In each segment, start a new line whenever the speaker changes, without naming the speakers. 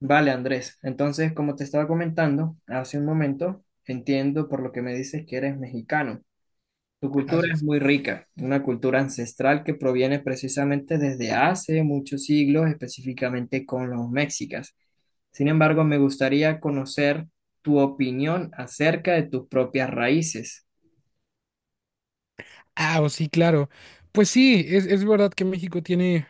Vale, Andrés. Entonces, como te estaba comentando hace un momento, entiendo por lo que me dices que eres mexicano. Tu cultura es
Gracias.
muy rica, una cultura ancestral que proviene precisamente desde hace muchos siglos, específicamente con los mexicas. Sin embargo, me gustaría conocer tu opinión acerca de tus propias raíces.
Oh, sí, claro. Pues sí, es verdad que México tiene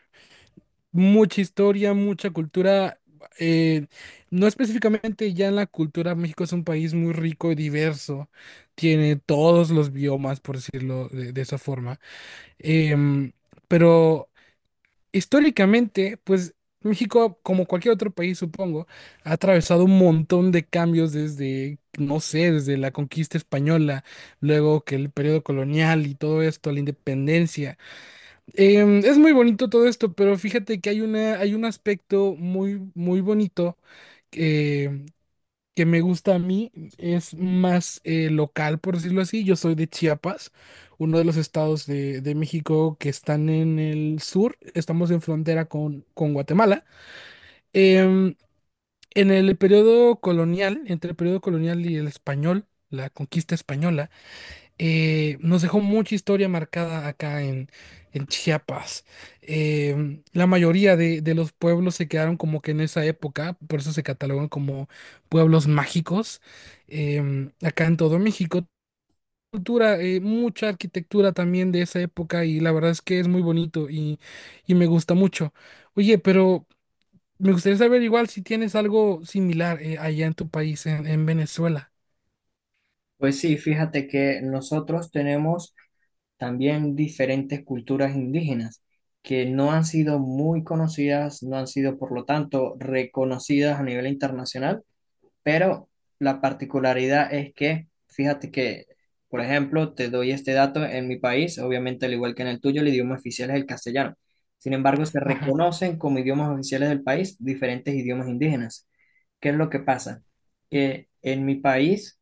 mucha historia, mucha cultura. eh, no específicamente ya en la cultura, México es un país muy rico y diverso. Tiene todos los biomas, por decirlo de esa forma. Em, pero históricamente, pues México, como cualquier otro país, supongo, ha atravesado un montón de cambios desde, no sé, desde la conquista española, luego que el periodo colonial y todo esto, la independencia. Es muy bonito todo esto, pero fíjate que hay un aspecto muy, muy bonito eh, que me gusta a mí es más local, por decirlo así. Yo soy de Chiapas, uno de los estados de México que están en el sur. Estamos en frontera con Guatemala. Em, en el periodo colonial, entre el periodo colonial y el español, la conquista española, nos dejó mucha historia marcada en Chiapas. La mayoría de los pueblos se quedaron como que en esa época, por eso se catalogan como pueblos mágicos. Acá en todo México, cultura, mucha arquitectura también de esa época y la verdad es que es muy bonito y me gusta mucho. Oye, pero me gustaría saber igual si tienes algo similar allá en tu país, en Venezuela.
Pues sí, fíjate que nosotros tenemos también diferentes culturas indígenas que no han sido muy conocidas, no han sido por lo tanto reconocidas a nivel internacional, pero la particularidad es que, fíjate que, por ejemplo, te doy este dato, en mi país, obviamente al igual que en el tuyo, el idioma oficial es el castellano. Sin embargo, se
Ajá,
reconocen como idiomas oficiales del país diferentes idiomas indígenas. ¿Qué es lo que pasa? Que en mi país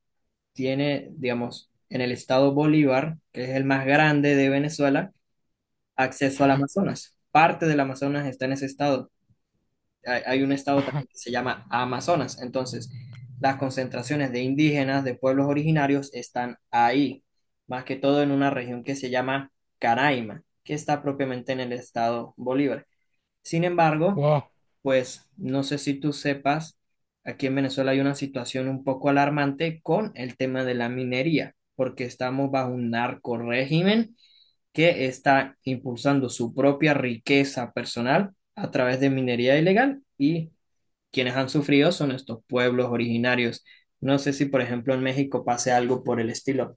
tiene, digamos, en el estado Bolívar, que es el más grande de Venezuela, acceso al
ajá,
Amazonas. Parte del Amazonas está en ese estado. Hay un estado también que se llama Amazonas. Entonces, las concentraciones de indígenas, de pueblos originarios, están ahí, más que todo en una región que se llama Caraima, que está propiamente en el estado Bolívar. Sin embargo,
ajá.
pues no sé si tú sepas, aquí en Venezuela hay una situación un poco alarmante con el tema de la minería, porque estamos bajo un narco régimen que está impulsando su propia riqueza personal a través de minería ilegal y quienes han sufrido son estos pueblos originarios. No sé si, por ejemplo, en México pase algo por el estilo.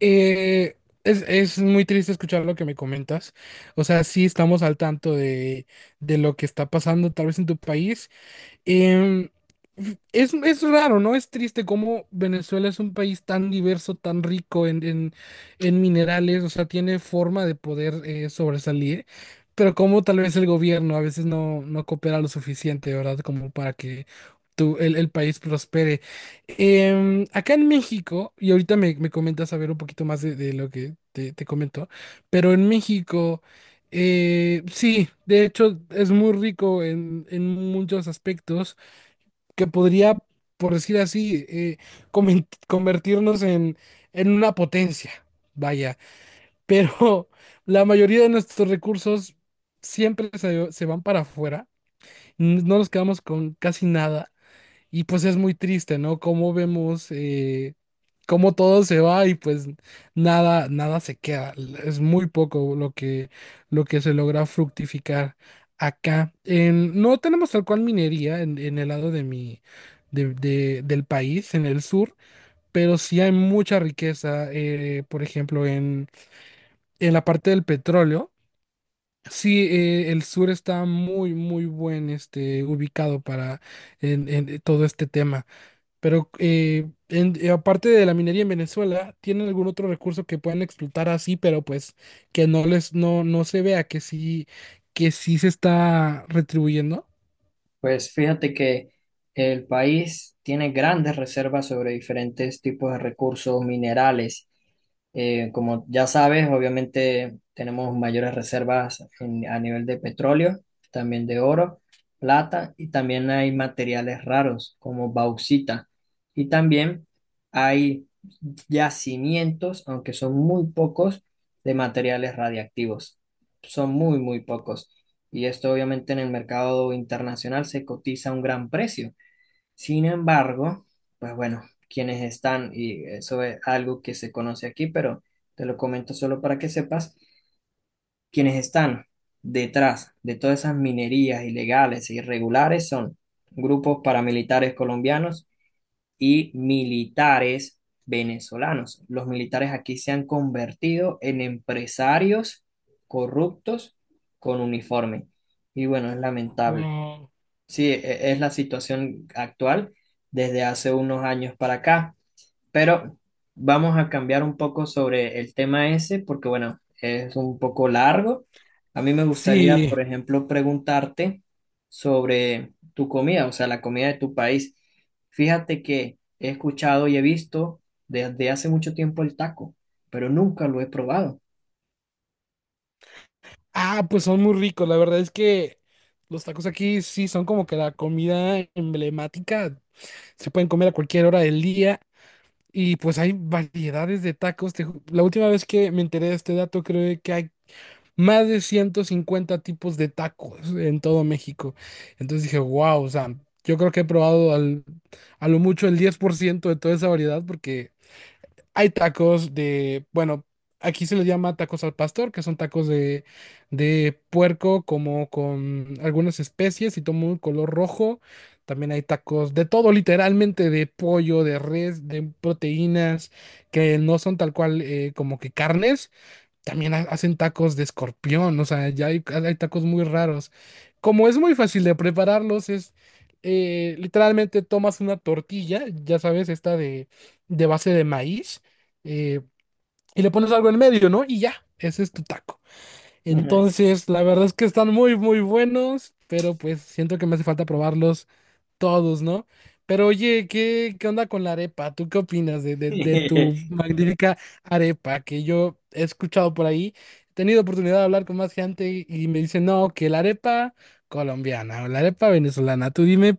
Eh, es muy triste escuchar lo que me comentas. O sea, sí estamos al tanto de lo que está pasando tal vez en tu país. Em, es raro, ¿no? Es triste cómo Venezuela es un país tan diverso, tan rico en, en minerales, o sea, tiene forma de poder sobresalir, pero como tal vez el gobierno a veces no, no coopera lo suficiente, ¿verdad? Como para que el país prospere. Acá en México, y ahorita me comentas a ver un poquito más de lo que te comentó, pero en México, sí, de hecho es muy rico en muchos aspectos que podría, por decir así, convertirnos en una potencia, vaya. Pero la mayoría de nuestros recursos siempre se van para afuera, no nos quedamos con casi nada. Y pues es muy triste, ¿no? Cómo vemos cómo todo se va y pues nada, nada se queda. Es muy poco lo que se logra fructificar acá. No tenemos tal cual minería en el lado de mi, de- del país, en el sur, pero sí hay mucha riqueza, por ejemplo, en la parte del petróleo. Sí, el sur está muy, muy buen este, ubicado para en todo este tema. Pero aparte de la minería en Venezuela, ¿tienen algún otro recurso que puedan explotar así, pero pues que no les, no, no se vea que sí se está retribuyendo?
Pues fíjate que el país tiene grandes reservas sobre diferentes tipos de recursos minerales. Como ya sabes, obviamente tenemos mayores reservas en- a nivel de petróleo, también de oro, plata y también hay materiales raros como bauxita. Y también hay yacimientos, aunque son muy pocos, de materiales radiactivos. Son muy, muy pocos y esto obviamente en el mercado internacional se cotiza a un gran precio. Sin embargo, pues bueno, quienes están, y eso es algo que se conoce aquí, pero te lo comento solo para que sepas, quienes están detrás de todas esas minerías ilegales e irregulares son grupos paramilitares colombianos y militares venezolanos. Los militares aquí se han convertido en empresarios corruptos con uniforme. Y bueno, es lamentable.
Wow.
Sí, e- es la situación actual desde hace unos años para acá, pero vamos a cambiar un poco sobre el tema ese porque, bueno, es un poco largo. A mí me gustaría,
Sí.
por ejemplo, preguntarte sobre tu comida, o sea, la comida de tu país. Fíjate que he escuchado y he visto desde hace mucho tiempo el taco, pero nunca lo he probado.
Ah, pues son muy ricos. La verdad es que los tacos aquí sí son como que la comida emblemática. Se pueden comer a cualquier hora del día. Y pues hay variedades de tacos. La última vez que me enteré de este dato, creo que hay más de 150 tipos de tacos en todo México. Entonces dije, wow, o sea, yo creo que he probado a lo mucho el 10% de toda esa variedad porque hay tacos de, bueno, aquí se les llama tacos al pastor, que son tacos de puerco como con algunas especies y tomo un color rojo. También hay tacos de todo, literalmente, de pollo, de res, de proteínas, que no son tal cual como que carnes, también hacen tacos de escorpión, o sea, ya hay tacos muy raros. Como es muy fácil de prepararlos, es literalmente tomas una tortilla, ya sabes, esta de base de maíz, eh, y le pones algo en medio, ¿no? Y ya, ese es tu taco. Entonces, la verdad es que están muy, muy buenos, pero pues siento que me hace falta probarlos todos, ¿no? Pero oye, ¿qué, qué onda con la arepa? ¿Tú qué opinas de, de tu magnífica arepa que yo he escuchado por ahí? He tenido oportunidad de hablar con más gente y me dicen, no, que la arepa colombiana o la arepa venezolana. Tú dime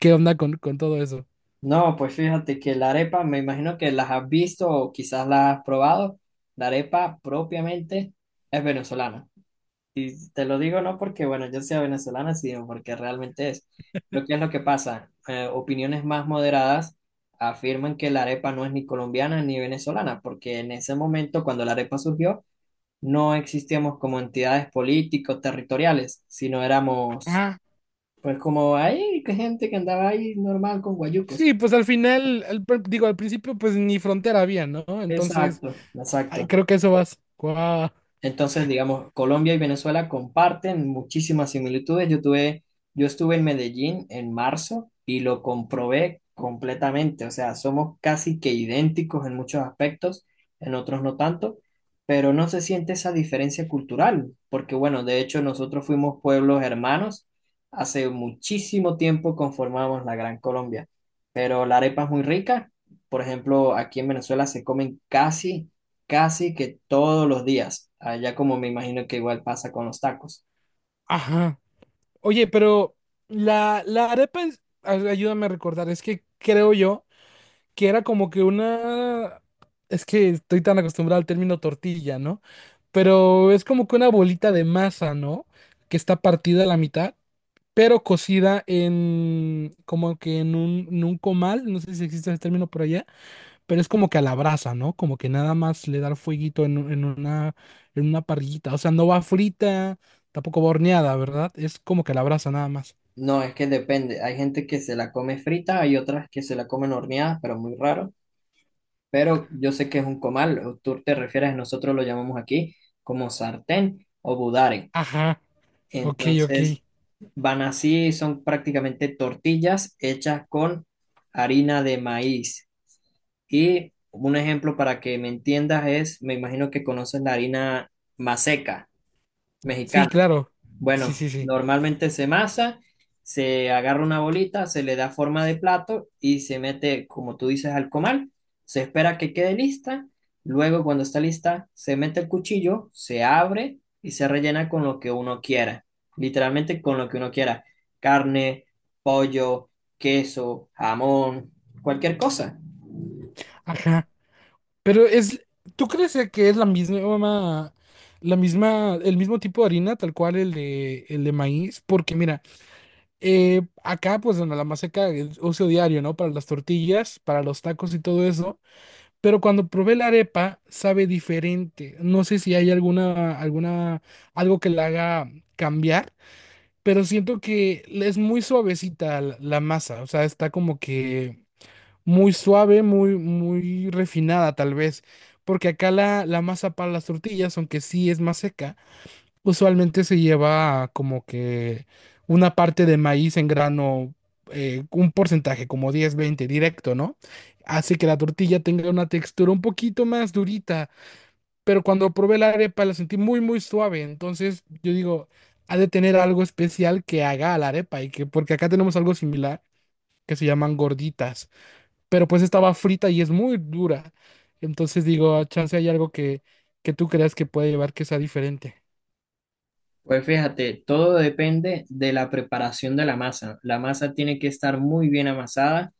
qué onda con todo eso.
No, pues fíjate que la arepa, me imagino que las has visto o quizás las has probado. La arepa propiamente es venezolana. Y te lo digo no porque, bueno, yo sea venezolana, sino porque realmente es. Lo que es lo que pasa, opiniones más moderadas afirman que la arepa no es ni colombiana ni venezolana, porque en ese momento, cuando la arepa surgió, no existíamos como entidades políticos, territoriales, sino éramos,
Ah,
pues como ahí, que gente que andaba ahí normal con guayucos.
sí, pues al final, digo, al principio pues ni frontera había, ¿no? Entonces,
Exacto,
ay,
exacto.
creo que eso vas. Guau,
Entonces, digamos, Colombia y Venezuela comparten muchísimas similitudes. Yo tuve, yo estuve en Medellín en marzo y lo comprobé completamente. O sea, somos casi que idénticos en muchos aspectos, en otros no tanto, pero no se siente esa diferencia cultural, porque bueno, de hecho nosotros fuimos pueblos hermanos. Hace muchísimo tiempo conformamos la Gran Colombia, pero la arepa es muy rica. Por ejemplo, aquí en Venezuela se comen casi casi que todos los días, allá como me imagino que igual pasa con los tacos.
ajá. Oye, pero la arepa es, ayúdame a recordar, es que creo yo que era como que una... Es que estoy tan acostumbrado al término tortilla, ¿no? Pero es como que una bolita de masa, ¿no? Que está partida a la mitad, pero cocida en... como que en un comal, no sé si existe ese término por allá, pero es como que a la brasa, ¿no? Como que nada más le da el fueguito en, en una parrillita. O sea, no va frita, tampoco va horneada, ¿verdad? Es como que a la brasa nada más.
No, es que depende, hay gente que se la come frita, hay otras que se la comen horneada, pero muy raro, pero yo sé que es un comal, o tú te refieres, nosotros lo llamamos aquí como sartén o budare.
Ajá, ok, ok.
Entonces, van así, son prácticamente tortillas hechas con harina de maíz. Y un ejemplo para que me entiendas es, me imagino que conoces la harina maseca
Sí,
mexicana.
claro. Sí,
Bueno,
sí, sí.
normalmente se masa, se agarra una bolita, se le da forma de plato y se mete, como tú dices, al comal. Se espera que quede lista. Luego, cuando está lista, se mete el cuchillo, se abre y se rellena con lo que uno quiera. Literalmente con lo que uno quiera. Carne, pollo, queso, jamón, cualquier cosa.
Ajá. Pero es, ¿tú crees que es la misma, el mismo tipo de harina, tal cual el de maíz? Porque mira, acá pues en la maseca el uso diario, ¿no? Para las tortillas, para los tacos y todo eso. Pero cuando probé la arepa, sabe diferente. No sé si hay alguna, alguna, algo que la haga cambiar, pero siento que es muy suavecita la la masa. O sea, está como que muy suave, muy, muy refinada tal vez, porque acá la masa para las tortillas, aunque sí es más seca, usualmente se lleva como que una parte de maíz en grano, un porcentaje, como 10-20 directo, ¿no? Hace que la tortilla tenga una textura un poquito más durita, pero cuando probé la arepa la sentí muy, muy suave, entonces yo digo, ha de tener algo especial que haga a la arepa, y que, porque acá tenemos algo similar que se llaman gorditas pero pues estaba frita y es muy dura. Entonces digo, "Ah, chance hay algo que tú creas que puede llevar que sea diferente.
Pues fíjate, todo depende de la preparación de la masa. La masa tiene que estar muy bien amasada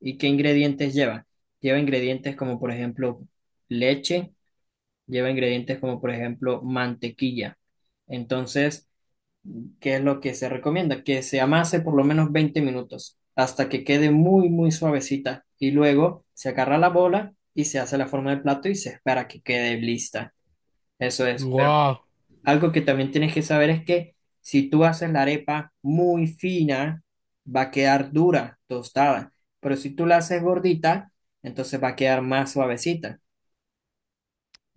y qué ingredientes lleva. Lleva ingredientes como por ejemplo leche, lleva ingredientes como por ejemplo mantequilla. Entonces, ¿qué es lo que se recomienda? Que se amase por lo menos 20 minutos hasta que quede muy, muy suavecita y luego se agarra la bola y se hace la forma del plato y se espera que quede lista. Eso es.
¡Wow!
Algo que también tienes que saber es que si tú haces la arepa muy fina, va a quedar dura, tostada, pero si tú la haces gordita, entonces va a quedar más suavecita.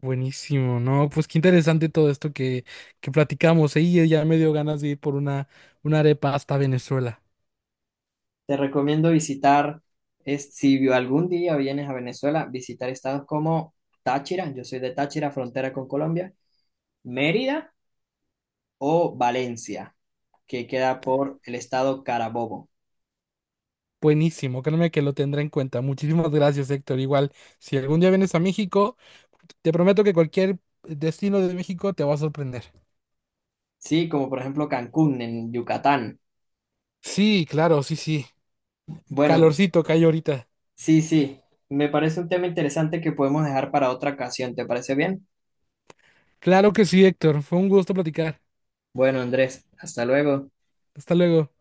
Buenísimo, ¿no? Pues qué interesante todo esto que platicamos. ¿Eh? Y ya me dio ganas de ir por una arepa hasta Venezuela.
Te recomiendo visitar, es, si algún día vienes a Venezuela, visitar estados como Táchira, yo soy de Táchira, frontera con Colombia, Mérida o Valencia, que queda por el estado Carabobo.
Buenísimo, créeme que lo tendré en cuenta. Muchísimas gracias, Héctor. Igual, si algún día vienes a México, te prometo que cualquier destino de México te va a sorprender.
Sí, como por ejemplo Cancún en Yucatán.
Sí, claro, sí, sí.
Bueno,
Calorcito que hay ahorita.
sí, sí, me parece un tema interesante que podemos dejar para otra ocasión, ¿te parece bien?
Claro que sí, Héctor. Fue un gusto platicar.
Bueno, Andrés, hasta luego.
Hasta luego.